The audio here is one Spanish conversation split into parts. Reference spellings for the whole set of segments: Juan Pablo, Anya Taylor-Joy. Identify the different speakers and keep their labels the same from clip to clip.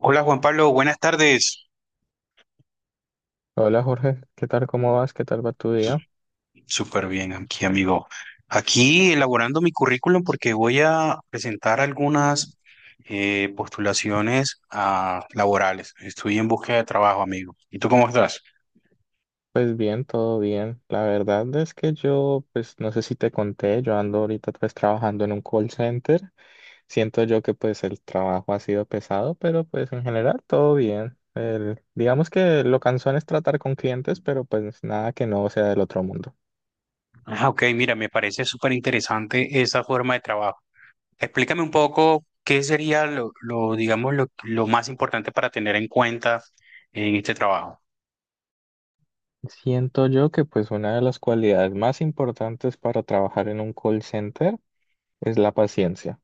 Speaker 1: Hola Juan Pablo, buenas tardes.
Speaker 2: Hola Jorge, ¿qué tal? ¿Cómo vas? ¿Qué tal va tu
Speaker 1: Su-
Speaker 2: día?
Speaker 1: Súper bien aquí, amigo. Aquí elaborando mi currículum porque voy a presentar algunas postulaciones laborales. Estoy en búsqueda de trabajo, amigo. ¿Y tú cómo estás?
Speaker 2: Pues bien, todo bien. La verdad es que yo, pues no sé si te conté, yo ando ahorita pues trabajando en un call center. Siento yo que pues el trabajo ha sido pesado, pero pues en general todo bien. Digamos que lo cansón es tratar con clientes, pero pues nada que no sea del otro mundo.
Speaker 1: Ah, ok, mira, me parece súper interesante esa forma de trabajo. Explícame un poco qué sería lo, digamos, lo más importante para tener en cuenta en este trabajo.
Speaker 2: Siento yo que pues una de las cualidades más importantes para trabajar en un call center es la paciencia.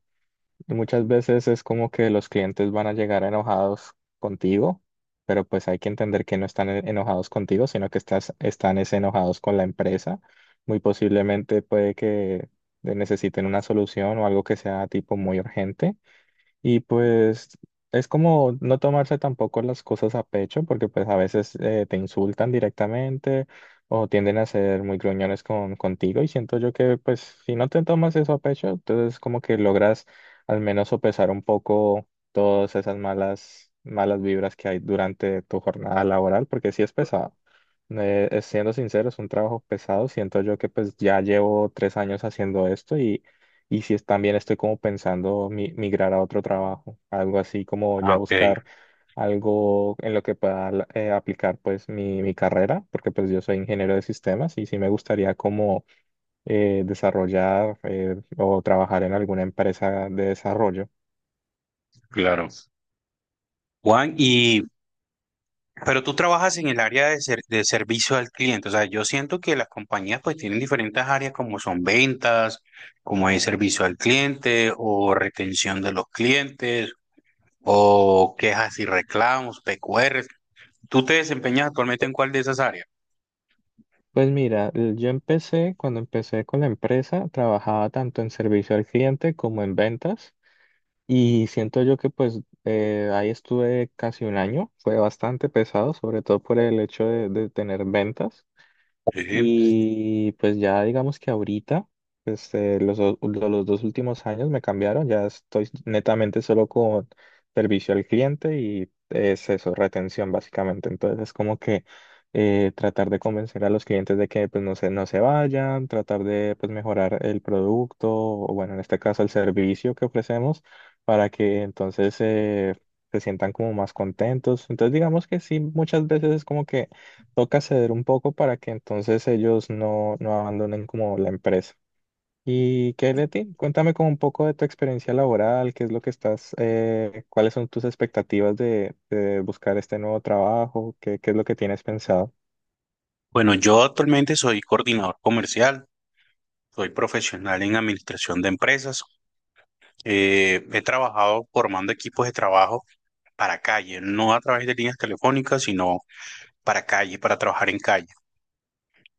Speaker 2: Y muchas veces es como que los clientes van a llegar enojados contigo, pero pues hay que entender que no están enojados contigo, sino que están es enojados con la empresa. Muy posiblemente puede que necesiten una solución o algo que sea tipo muy urgente. Y pues es como no tomarse tampoco las cosas a pecho, porque pues a veces te insultan directamente o tienden a ser muy gruñones contigo, y siento yo que pues si no te tomas eso a pecho, entonces como que logras al menos sopesar un poco todas esas malas vibras que hay durante tu jornada laboral, porque sí es pesado. Siendo sincero, es un trabajo pesado. Siento yo que pues ya llevo tres años haciendo esto, y si es- también estoy como pensando migrar a otro trabajo, algo así como
Speaker 1: Ah,
Speaker 2: ya
Speaker 1: ok,
Speaker 2: buscar algo en lo que pueda aplicar pues mi carrera, porque pues yo soy ingeniero de sistemas y sí me gustaría como desarrollar o trabajar en alguna empresa de desarrollo.
Speaker 1: claro. Juan, pero tú trabajas en el área de, de servicio al cliente. O sea, yo siento que las compañías pues tienen diferentes áreas como son ventas, como es servicio al cliente o retención de los clientes o quejas y reclamos, PQRs. ¿Tú te desempeñas actualmente en cuál de esas áreas?
Speaker 2: Pues mira, yo empecé, cuando empecé con la empresa, trabajaba tanto en servicio al cliente como en ventas. Y siento yo que pues ahí estuve casi un año, fue bastante pesado, sobre todo por el hecho de tener ventas.
Speaker 1: Sí.
Speaker 2: Y pues ya digamos que ahorita, pues los dos últimos años me cambiaron, ya estoy netamente solo con servicio al cliente y es eso, retención básicamente. Entonces es como que tratar de convencer a los clientes de que pues no se vayan, tratar de pues mejorar el producto o bueno, en este caso el servicio que ofrecemos para que entonces se sientan como más contentos. Entonces digamos que sí, muchas veces es como que toca ceder un poco para que entonces ellos no abandonen como la empresa. ¿Y qué hay de ti? Cuéntame como un poco de tu experiencia laboral, qué es lo que estás, cuáles son tus expectativas de buscar este nuevo trabajo, qué es lo que tienes pensado.
Speaker 1: Bueno, yo actualmente soy coordinador comercial, soy profesional en administración de empresas. He trabajado formando equipos de trabajo para calle, no a través de líneas telefónicas, sino para calle, para trabajar en calle,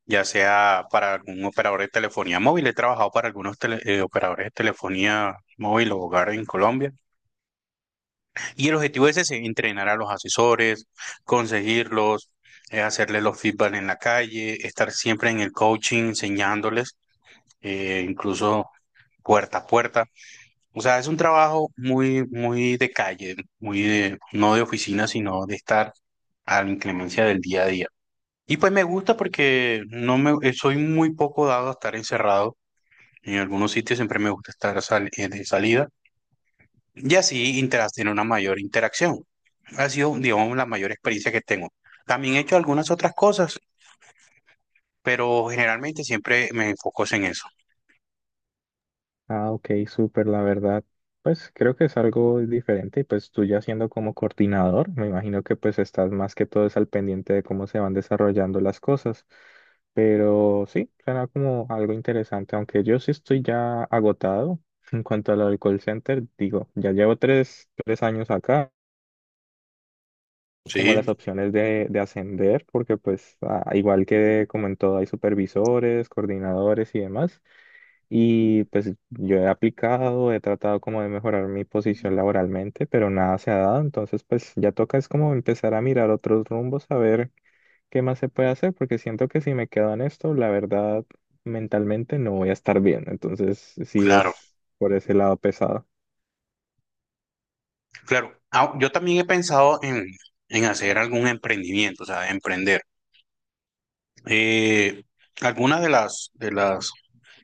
Speaker 1: ya sea para algún operador de telefonía móvil. He trabajado para algunos operadores de telefonía móvil o hogar en Colombia. Y el objetivo es ese: entrenar a los asesores, conseguirlos, hacerles los feedback en la calle, estar siempre en el coaching, enseñándoles, incluso puerta a puerta. O sea, es un trabajo muy de calle, muy de, no de oficina, sino de estar a la inclemencia del día a día. Y pues me gusta porque no me, soy muy poco dado a estar encerrado. En algunos sitios siempre me gusta estar de salida y así tener una mayor interacción. Ha sido, digamos, la mayor experiencia que tengo. También he hecho algunas otras cosas, pero generalmente siempre me enfoco en eso.
Speaker 2: Ah, ok, súper, la verdad. Pues creo que es algo diferente, y pues tú ya siendo como coordinador, me imagino que pues estás más que todo es al pendiente de cómo se van desarrollando las cosas. Pero sí, suena como algo interesante, aunque yo sí estoy ya agotado en cuanto al alcohol center, digo, ya llevo tres años acá, como las
Speaker 1: Sí,
Speaker 2: opciones de ascender, porque pues igual que como en todo hay supervisores, coordinadores y demás. Y pues yo he aplicado, he tratado como de mejorar mi posición laboralmente, pero nada se ha dado. Entonces pues ya toca es como empezar a mirar otros rumbos, a ver qué más se puede hacer, porque siento que si me quedo en esto, la verdad, mentalmente no voy a estar bien. Entonces sí
Speaker 1: claro,
Speaker 2: es por ese lado pesado.
Speaker 1: claro. Ah, yo también he pensado en hacer algún emprendimiento, o sea, emprender. Eh, algunas de las,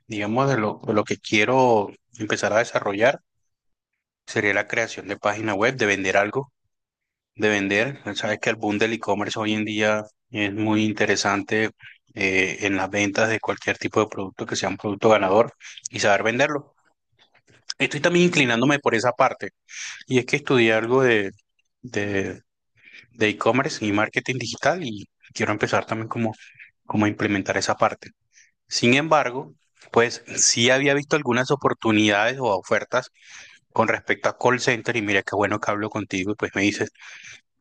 Speaker 1: digamos, de lo que quiero empezar a desarrollar sería la creación de página web, de vender algo, de vender. Sabes que el boom del e-commerce hoy en día es muy interesante en las ventas de cualquier tipo de producto que sea un producto ganador y saber venderlo. Estoy también inclinándome por esa parte y es que estudié algo de, de e-commerce y marketing digital y quiero empezar también como a implementar esa parte. Sin embargo, pues sí había visto algunas oportunidades o ofertas con respecto a call center y mira qué bueno que hablo contigo y pues me dices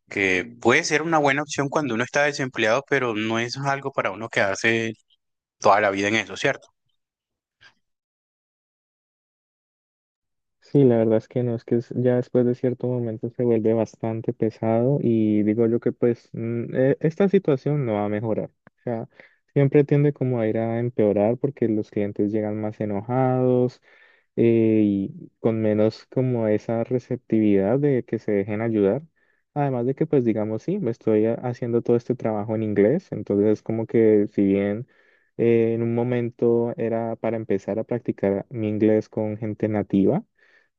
Speaker 1: que puede ser una buena opción cuando uno está desempleado, pero no es algo para uno quedarse toda la vida en eso, ¿cierto?
Speaker 2: Sí, la verdad es que no, es que ya después de cierto momento se vuelve bastante pesado, y digo yo que pues esta situación no va a mejorar. O sea, siempre tiende como a ir a empeorar porque los clientes llegan más enojados, y con menos como esa receptividad de que se dejen ayudar. Además de que pues digamos, sí, me estoy haciendo todo este trabajo en inglés, entonces es como que si bien en un momento era para empezar a practicar mi inglés con gente nativa,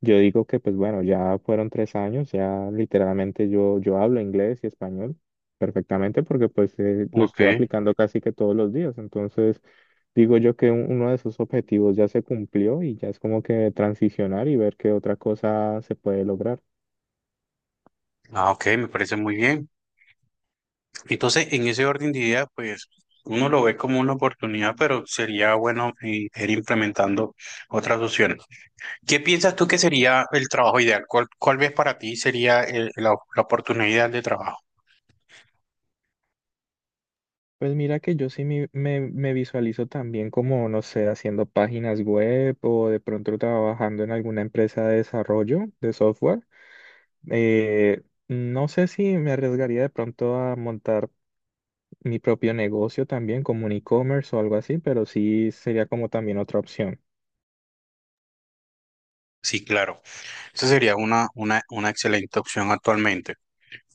Speaker 2: yo digo que pues bueno, ya fueron tres años, ya literalmente yo hablo inglés y español perfectamente porque pues lo
Speaker 1: Ok.
Speaker 2: estuve aplicando casi que todos los días. Entonces, digo yo que uno de sus objetivos ya se cumplió y ya es como que transicionar y ver qué otra cosa se puede lograr.
Speaker 1: Ah, ok, me parece muy bien. Entonces, en ese orden de ideas, pues uno lo ve como una oportunidad, pero sería bueno ir implementando otras opciones. ¿Qué piensas tú que sería el trabajo ideal? ¿Cuál ves para ti sería la oportunidad ideal de trabajo?
Speaker 2: Pues mira que yo sí me visualizo también como, no sé, haciendo páginas web o de pronto trabajando en alguna empresa de desarrollo de software. Eh, no sé si me arriesgaría de pronto a montar mi propio negocio también, como un e-commerce o algo así, pero sí sería como también otra opción.
Speaker 1: Sí, claro. Esa sería una excelente opción actualmente.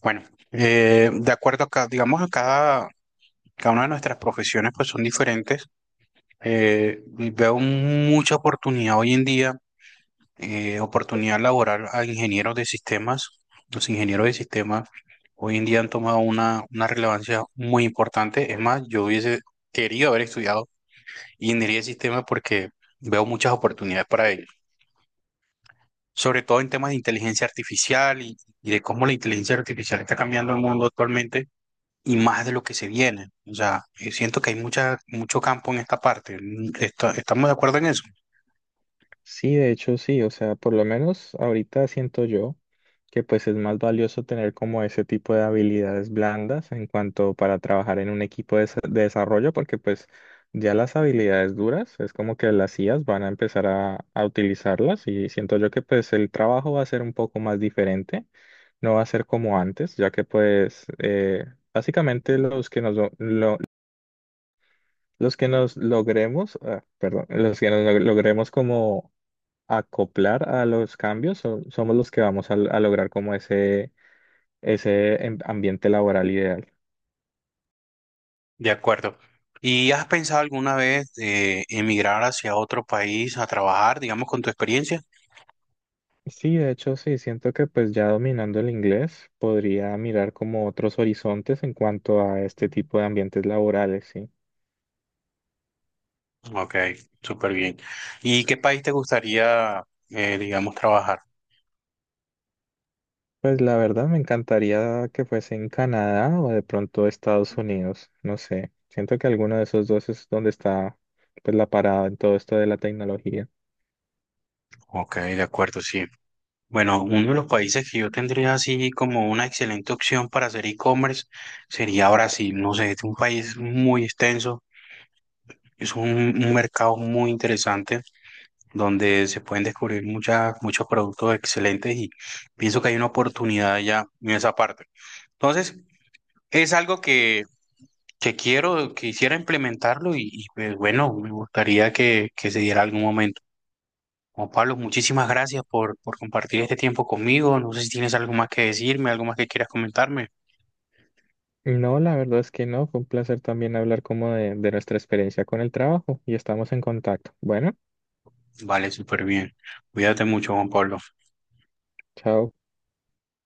Speaker 1: Bueno, de acuerdo a cada, digamos, a cada, cada una de nuestras profesiones pues son diferentes. Y veo mucha oportunidad hoy en día, oportunidad laboral a ingenieros de sistemas. Los ingenieros de sistemas hoy en día han tomado una relevancia muy importante. Es más, yo hubiese querido haber estudiado ingeniería de sistemas porque veo muchas oportunidades para ellos. Sobre todo en temas de inteligencia artificial y de cómo la inteligencia artificial está cambiando el mundo actualmente y más de lo que se viene. O sea, siento que hay mucho campo en esta parte. ¿Estamos de acuerdo en eso?
Speaker 2: Sí, de hecho sí, o sea, por lo menos ahorita siento yo que pues es más valioso tener como ese tipo de habilidades blandas en cuanto para trabajar en un equipo de desarrollo, porque pues ya las habilidades duras es como que las IAs van a empezar a utilizarlas, y siento yo que pues el trabajo va a ser un poco más diferente, no va a ser como antes, ya que pues... Básicamente los que nos, Los que nos logremos, perdón, los que nos logremos como acoplar a los cambios, somos los que vamos a lograr como ese ambiente laboral ideal.
Speaker 1: De acuerdo. ¿Y has pensado alguna vez emigrar hacia otro país a trabajar, digamos, con tu experiencia?
Speaker 2: Sí, de hecho, sí, siento que pues ya dominando el inglés podría mirar como otros horizontes en cuanto a este tipo de ambientes laborales, sí.
Speaker 1: Ok, súper bien. ¿Y qué país te gustaría, digamos, trabajar?
Speaker 2: Pues la verdad me encantaría que fuese en Canadá o de pronto Estados Unidos, no sé. Siento que alguno de esos dos es donde está pues la parada en todo esto de la tecnología.
Speaker 1: Ok, de acuerdo, sí. Bueno, uno de los países que yo tendría así como una excelente opción para hacer e-commerce sería Brasil. No sé, es un país muy extenso, es un mercado muy interesante donde se pueden descubrir muchos productos excelentes y pienso que hay una oportunidad ya en esa parte. Entonces, es algo que quiero, quisiera implementarlo pues bueno, me gustaría que se diera algún momento. Juan Pablo, muchísimas gracias por compartir este tiempo conmigo. No sé si tienes algo más que decirme, algo más que quieras comentarme.
Speaker 2: No, la verdad es que no. Fue un placer también hablar como de nuestra experiencia con el trabajo y estamos en contacto. Bueno,
Speaker 1: Vale, súper bien. Cuídate mucho, Juan Pablo.
Speaker 2: chao.